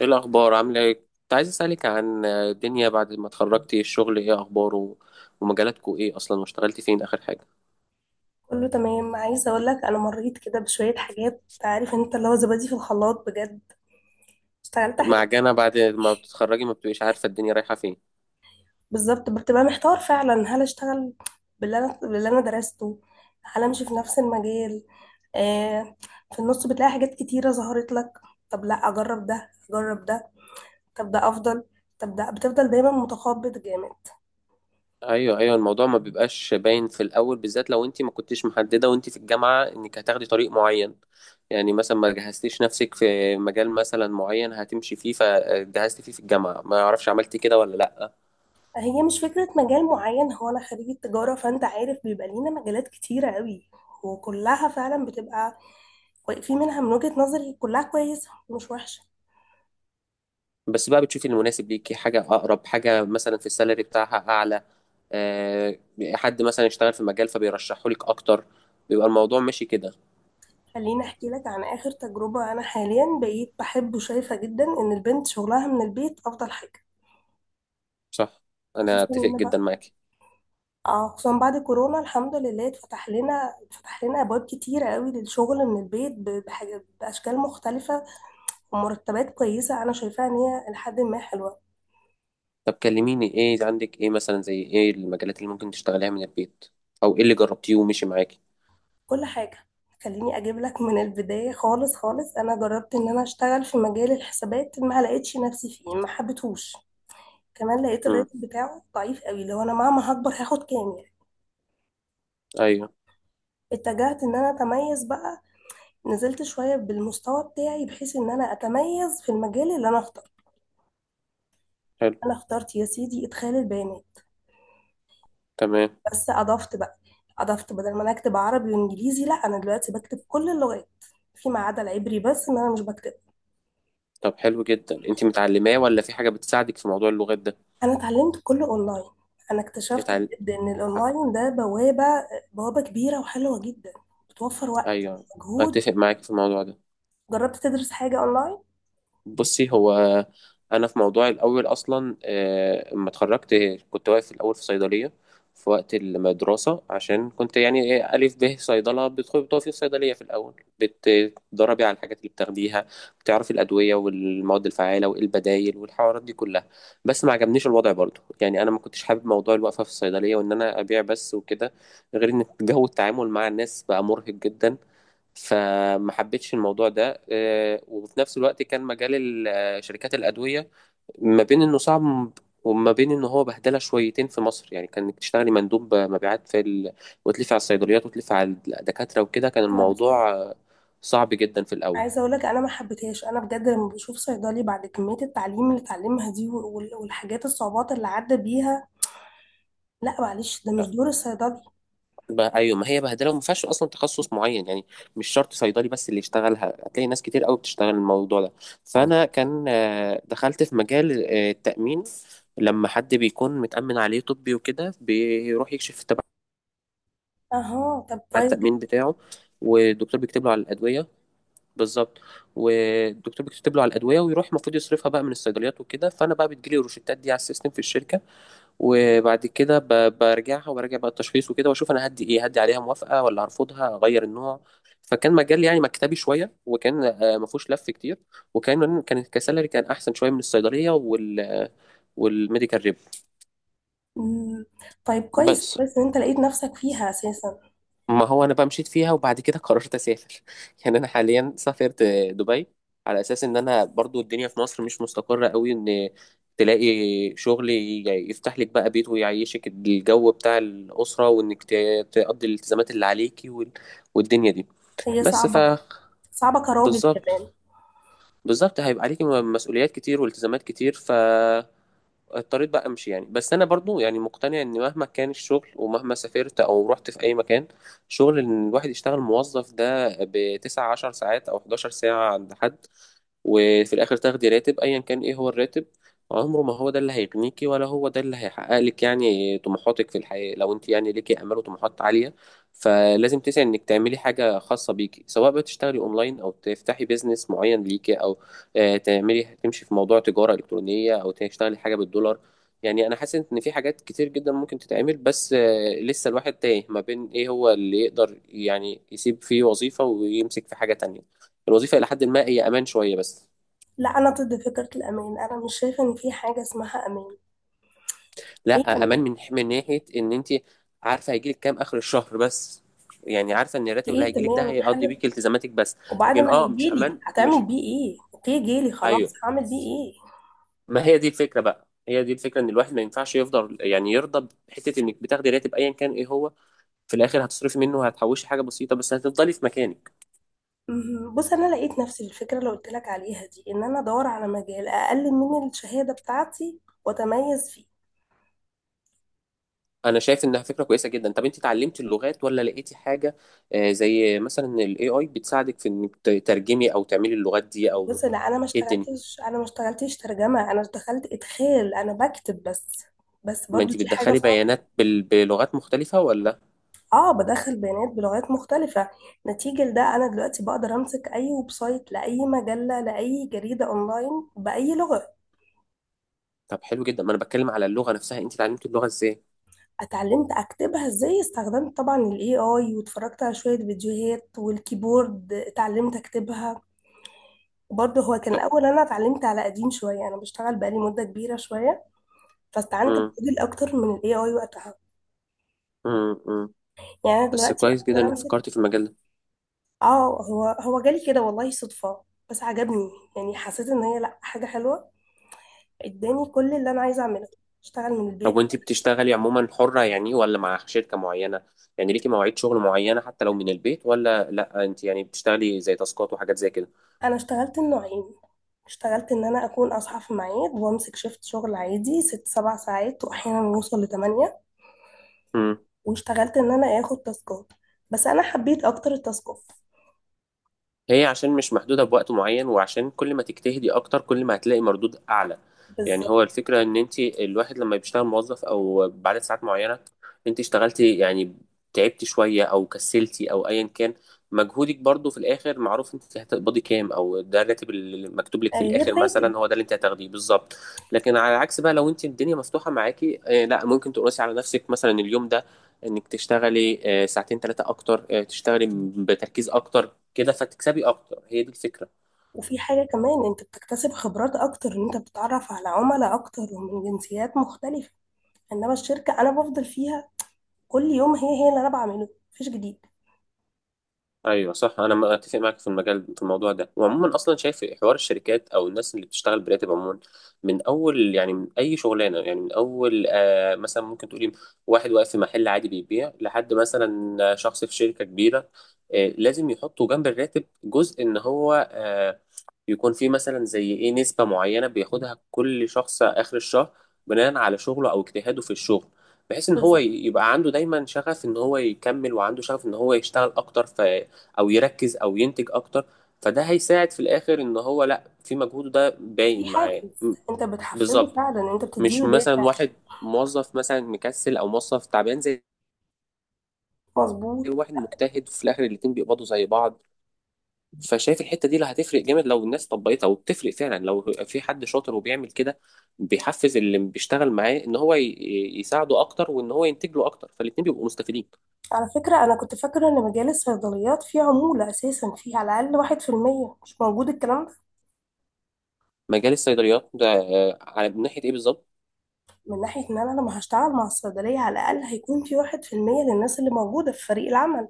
ايه الاخبار، عامله ايه؟ كنت عايز اسالك عن الدنيا بعد ما اتخرجتي، الشغل ايه اخباره؟ ومجالاتكو ايه اصلا؟ واشتغلتي فين اخر حاجه؟ كله تمام. عايزه اقول لك انا مريت كده بشويه حاجات، عارف انت اللي هو زبادي في الخلاط بجد. اشتغلت حاجات معجنه، بعد ما بتتخرجي ما بتبقيش عارفه الدنيا رايحه فين. بالظبط، بتبقى محتار فعلا. هل اشتغل باللي انا درسته؟ هل امشي في نفس المجال؟ آه. في النص بتلاقي حاجات كتيره ظهرت لك. طب لا، اجرب ده اجرب ده، طب ده افضل، طب ده. بتفضل دايما متخبط جامد. ايوه، ايوه، الموضوع ما بيبقاش باين في الاول، بالذات لو انت ما كنتيش محدده وانت في الجامعه انك هتاخدي طريق معين. يعني مثلا ما جهزتيش نفسك في مجال مثلا معين هتمشي فيه فجهزتي فيه في الجامعه، ما اعرفش عملتي كده ولا لا. هي مش فكره مجال معين، هو انا خريجه تجاره، فانت عارف بيبقى لينا مجالات كتيره قوي، وكلها فعلا بتبقى، في منها من وجهة نظري كلها كويسة، مش وحشة. بس بقى بتشوفي المناسب ليكي، حاجة أقرب، حاجة مثلا في السالري بتاعها أعلى. آه، حد مثلا يشتغل في مجال فبيرشحه لك أكتر. بيبقى الموضوع ماشي كده. خليني احكي لك عن اخر تجربة. انا حاليا بقيت بحب وشايفة جدا ان البنت شغلها من البيت افضل حاجة، صح. أنا خصوصا أتفق ان جدا بعد، معاكي. اه خصوصا بعد كورونا، الحمد لله، اتفتح لنا ابواب كتيرة قوي للشغل من البيت، بحاجة باشكال مختلفة ومرتبات كويسة. انا شايفاها ان هي لحد ما حلوة. طب كلميني، إيه عندك إيه مثلا زي إيه المجالات اللي ممكن تشتغليها من البيت؟ أو إيه اللي جربتيه ومشي معاكي؟ كل حاجة، خليني اجيب لك من البداية. خالص، انا جربت ان انا اشتغل في مجال الحسابات، ما لقيتش نفسي فيه، ما حبيتهوش. كمان لقيت امم. الراتب بتاعه ضعيف قوي، لو انا مهما هكبر هاخد كام يعني؟ أيوه. اتجهت ان انا اتميز بقى، نزلت شوية بالمستوى بتاعي بحيث ان انا اتميز في المجال اللي انا اخترته. حلو. انا اخترت يا سيدي ادخال البيانات، تمام. بس اضفت بقى. اضفت بدل ما انا اكتب عربي وانجليزي، لا انا دلوقتي بكتب كل اللغات فيما عدا العبري، بس ان انا مش بكتب. طب حلو جدا، أنت متعلماه ولا في حاجة بتساعدك في موضوع اللغات ده؟ انا اتعلمت كله اونلاين. انا اكتشفت اتعلم. بجد ان الاونلاين ده بوابة، بوابة كبيرة وحلوة جدا، بتوفر وقت، أيوه. مجهود. أتفق معاكي في الموضوع ده. جربت تدرس حاجة اونلاين؟ بصي، هو انا في موضوعي الاول اصلا، لما اتخرجت كنت واقف في الاول في صيدليه في وقت المدرسه، عشان كنت يعني ايه الف ب صيدله بتدخلي بتقفي في صيدليه في الاول. بتدربي على الحاجات اللي بتاخديها. بتعرفي الادويه والمواد الفعاله وايه البدايل والحوارات دي كلها. بس ما عجبنيش الوضع برضه، يعني انا ما كنتش حابب موضوع الوقفه في الصيدليه وان انا ابيع بس وكده. غير ان جو التعامل مع الناس بقى مرهق جدا. فما حبيتش الموضوع ده. وفي نفس الوقت كان مجال شركات الأدوية ما بين إنه صعب وما بين إنه هو بهدلة شويتين في مصر، يعني كان إنك تشتغلي مندوب مبيعات وتلفي على الصيدليات وتلفي على الدكاترة وكده، كان انا الموضوع صعب جدا في الأول. عايزه اقول لك انا ما حبيتهاش. انا بجد لما بشوف صيدلي بعد كميه التعليم اللي اتعلمها دي والحاجات الصعوبات اللي عدى بيها، لا معلش ده مش دور الصيدلي. بقى ايوه، ما هي بهدله وما فيهاش اصلا تخصص معين يعني. مش شرط صيدلي بس اللي يشتغلها، هتلاقي ناس كتير قوي بتشتغل الموضوع ده. فانا كان دخلت في مجال التامين. لما حد بيكون متامن عليه طبي وكده بيروح يكشف تبع اها، طب كويس جدا. التامين بتاعه. والدكتور بيكتب له على الادويه. بالظبط. والدكتور بيكتب له على الادويه ويروح المفروض يصرفها بقى من الصيدليات وكده، فانا بقى بتجيلي الروشتات دي على السيستم في الشركه. وبعد كده برجعها وبراجع بقى التشخيص وكده واشوف انا هدي ايه، هدي عليها موافقه ولا هرفضها اغير النوع. فكان مجال يعني مكتبي شويه، وكان ما فيهوش لف كتير. وكان كسالري كان احسن شويه من الصيدليه والميديكال ريب. مم. طيب كويس، بس بس انت لقيت نفسك فيها اساسا. ما هو انا بقى مشيت فيها، وبعد كده قررت اسافر يعني انا حاليا سافرت دبي، على اساس ان انا برضو الدنيا في مصر مش مستقرة قوي ان تلاقي شغل يفتح لك بقى بيت ويعيشك الجو بتاع الأسرة وانك تقضي الالتزامات اللي عليكي والدنيا دي. هي بس صعبه، صعبه كراجل كمان. بالظبط، بالظبط، هيبقى عليكي مسؤوليات كتير والتزامات كتير، ف اضطريت بقى امشي يعني. بس انا برضو يعني مقتنع ان مهما كان الشغل ومهما سافرت او رحت في اي مكان شغل، ان الواحد يشتغل موظف ده بـ19 ساعات او 11 ساعة عند حد، وفي الاخر تاخدي راتب ايا كان ايه هو الراتب، عمره ما هو ده اللي هيغنيكي ولا هو ده اللي هيحقق لك يعني طموحاتك في الحياة. لو انت يعني ليكي امال وطموحات عالية، فلازم تسعي انك تعملي حاجة خاصة بيكي، سواء بقى تشتغلي اونلاين او تفتحي بيزنس معين ليكي او تعملي تمشي في موضوع تجارة الكترونية او تشتغلي حاجة بالدولار. يعني انا حاسس ان في حاجات كتير جدا ممكن تتعمل، بس لسه الواحد تايه ما بين ايه هو اللي يقدر يعني يسيب فيه وظيفة ويمسك في حاجة تانية. الوظيفة إلى حد ما هي أمان شوية بس. لا انا ضد فكره الامان، انا مش شايفه ان في حاجه اسمها امان. ايه لا، امان امان؟ من ناحيه ان انت عارفه هيجيلك كام اخر الشهر بس. يعني عارفه ان الراتب اللي ايه؟ هيجيلك ده تمام، هيقضي حلو. بيك التزاماتك بس. وبعد لكن ما مش هيجيلي امان، مش. هتعمل بيه ايه؟ اوكي جيلي خلاص، ايوه، هعمل بيه ايه؟ ما هي دي الفكره بقى، هي دي الفكره ان الواحد ما ينفعش يفضل يعني يرضى بحته، انك بتاخدي راتب ايا كان ايه هو. في الاخر هتصرفي منه وهتحوشي حاجه بسيطه بس هتفضلي في مكانك. مهم. بص، انا لقيت نفسي الفكره اللي قلت لك عليها دي، ان انا ادور على مجال اقل من الشهاده بتاعتي واتميز فيه. انا شايف انها فكره كويسه جدا. طب انت اتعلمتي اللغات ولا لقيتي حاجه زي مثلا الاي اي بتساعدك في انك تترجمي او تعملي اللغات دي او؟ بص، لا انا ما ايه الدنيا؟ اشتغلتش، انا ما اشتغلتش ترجمه. انا دخلت ادخال، انا بكتب بس. بس ما برضو انت دي حاجه بتدخلي صعبه. بيانات بلغات مختلفة ولا؟ اه، بدخل بيانات بلغات مختلفه. نتيجه لده انا دلوقتي بقدر امسك اي ويب سايت لاي مجله لاي جريده اونلاين باي لغه. طب حلو جدا، ما انا بتكلم على اللغة نفسها، انت اتعلمتي اللغة ازاي؟ اتعلمت اكتبها ازاي؟ استخدمت طبعا الاي اي واتفرجت على شويه فيديوهات، والكيبورد اتعلمت اكتبها. برضه هو كان طب. الأول، أنا اتعلمت على قديم شوية، أنا بشتغل بقالي مدة كبيرة شوية، فاستعنت امم. بموديل أكتر من ال AI وقتها. امم. يعني أنا بس دلوقتي أقدر كويس جدا والله انك أمسك. فكرتي في المجال ده. اه، هو جالي كده والله صدفة، بس عجبني. يعني حسيت إن هي، لأ، حاجة حلوة. اداني كل اللي أنا عايزة أعمله، اشتغل من طب البيت. وانت بتشتغلي عموما حرة يعني ولا مع شركة معينة؟ يعني ليكي مواعيد شغل معينة حتى لو من البيت ولا لا، انت يعني بتشتغلي زي تاسكات وحاجات زي كده؟ أنا اشتغلت النوعين: اشتغلت إن أنا أكون أصحى في ميعاد وأمسك شيفت شغل عادي ست سبع ساعات وأحيانا يوصل لتمانية، واشتغلت إن أنا آخد تاسكات، بس أنا حبيت أكتر التاسكات. هي عشان مش محدودة بوقت معين وعشان كل ما تجتهدي أكتر كل ما هتلاقي مردود أعلى. يعني بالظبط، هو الفكرة إن أنت الواحد لما بيشتغل موظف أو بعد ساعات معينة، أنت اشتغلتي يعني تعبتي شوية أو كسلتي أو أيا كان، مجهودك برضو في الآخر معروف، أنت هتقبضي كام أو ده الراتب اللي مكتوب لك في غير الآخر راتب. مثلا، هو ده اللي أنت هتاخديه بالظبط. لكن على العكس بقى لو أنت الدنيا مفتوحة معاكي، لا ممكن تقرسي على نفسك مثلا اليوم ده انك تشتغلي ساعتين ثلاثة اكتر، تشتغلي بتركيز اكتر كده فتكسبي اكتر، هي دي الفكرة. وفي حاجة كمان، انت بتكتسب خبرات اكتر، ان انت بتتعرف على عملاء اكتر ومن جنسيات مختلفة. انما الشركة انا بفضل فيها كل يوم هي هي اللي انا بعمله، مفيش جديد. ايوه صح، انا اتفق معاك في المجال في الموضوع ده. وعموما اصلا شايف حوار الشركات او الناس اللي بتشتغل براتب عموما، من اول يعني من اي شغلانه، يعني من اول مثلا ممكن تقولي واحد واقف في محل عادي بيبيع لحد مثلا شخص في شركه كبيره، لازم يحطوا جنب الراتب جزء ان هو يكون فيه مثلا زي ايه نسبه معينه بياخدها كل شخص اخر الشهر، بناء على شغله او اجتهاده في الشغل، بحيث ان هو بالظبط. يبقى عنده دايما شغف ان هو يكمل وعنده شغف ان هو يشتغل اكتر او يركز او ينتج اكتر. فده هيساعد في الاخر ان هو لا، في مجهوده ده في باين معاه حافز، انت بتحفزه بالظبط. فعلا، انت مش بتديله مثلا دافع. واحد موظف مثلا مكسل او موظف تعبان زي مظبوط. واحد مجتهد في الاخر الاتنين بيقبضوا زي بعض. فشايف الحته دي اللي هتفرق جامد لو الناس طبقتها، وبتفرق فعلا لو في حد شاطر وبيعمل كده، بيحفز اللي بيشتغل معاه ان هو يساعده اكتر وان هو ينتج له اكتر، فالاتنين بيبقوا مستفيدين. على فكرة، انا كنت فاكرة ان مجال الصيدليات فيه عمولة اساسا، فيه على الاقل واحد في المية. مش موجود الكلام ده؟ مجال الصيدليات ده على من ناحيه ايه بالظبط؟ من ناحية ان انا لما هشتغل مع الصيدلية على الاقل هيكون في واحد في المية للناس اللي موجودة في فريق العمل.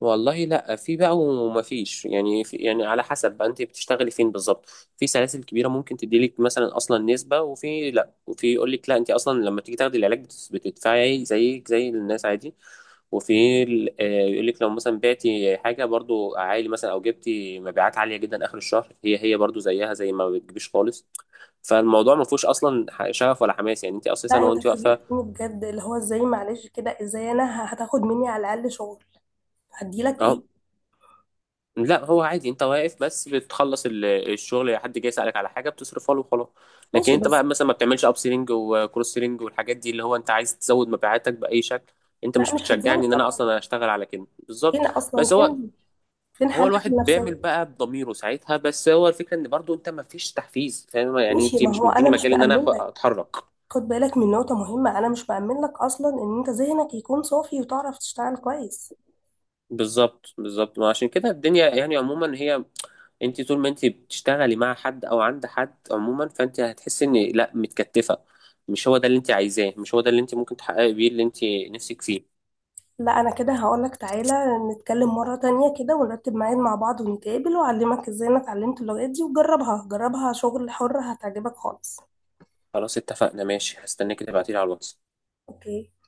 والله لا، في بقى وما فيش يعني، في يعني على حسب بقى انت بتشتغلي فين بالظبط. في سلاسل كبيره ممكن تديلك مثلا اصلا نسبه، وفي لا، وفي يقول لك لا انت اصلا لما تيجي تاخدي العلاج بتدفعي زيك زي الناس عادي. وفي يقول لك لو مثلا بعتي حاجه برضو عالي مثلا او جبتي مبيعات عاليه جدا اخر الشهر، هي هي برضو زيها زي ما بتجيبيش خالص. فالموضوع ما فيهوش اصلا شغف ولا حماس يعني، انت اساسا لا انت وانت واقفه فاجئتني بجد، اللي هو ازاي؟ معلش كده، ازاي انا هتاخد مني على الاقل شغل هديلك ايه؟ اهو، لا هو عادي انت واقف بس بتخلص الشغل، حد جاي يسألك على حاجة بتصرفها له وخلاص. لكن ماشي انت بس. بقى مثلا ما بتعملش اب سيلينج وكروس سيلينج والحاجات دي اللي هو انت عايز تزود مبيعاتك بأي شكل، انت لا، مش مش هتزود بتشجعني ان انا طبعا، اصلا اشتغل على كده بالظبط. فين اصلا؟ بس هو، فين؟ فين هو حالتك الواحد بيعمل النفسيه؟ بقى بضميره ساعتها، بس هو الفكرة ان برضو انت ما فيش تحفيز فاهم يعني، ماشي، انت ما مش هو مديني انا مش مجال ان انا مأمن لك. اتحرك. خد بالك من نقطه مهمه، انا مش مأمن لك اصلا ان انت ذهنك يكون صافي وتعرف تشتغل كويس. بالظبط، بالظبط، ما عشان كده الدنيا يعني عموما، هي انت طول ما انت بتشتغلي مع حد او عند حد عموما فانت هتحسي ان لا، متكتفه. مش هو ده اللي انت عايزاه، مش هو ده اللي انت ممكن تحققي بيه اللي انت نفسك فيه. لا انا كده هقول لك، تعالى نتكلم مره تانية كده ونرتب ميعاد مع بعض ونتقابل، واعلمك ازاي انا اتعلمت اللغات دي، وجربها شغل حر هتعجبك خالص. خلاص اتفقنا ماشي، هستناك تبعتيلي على الواتس. اوكي.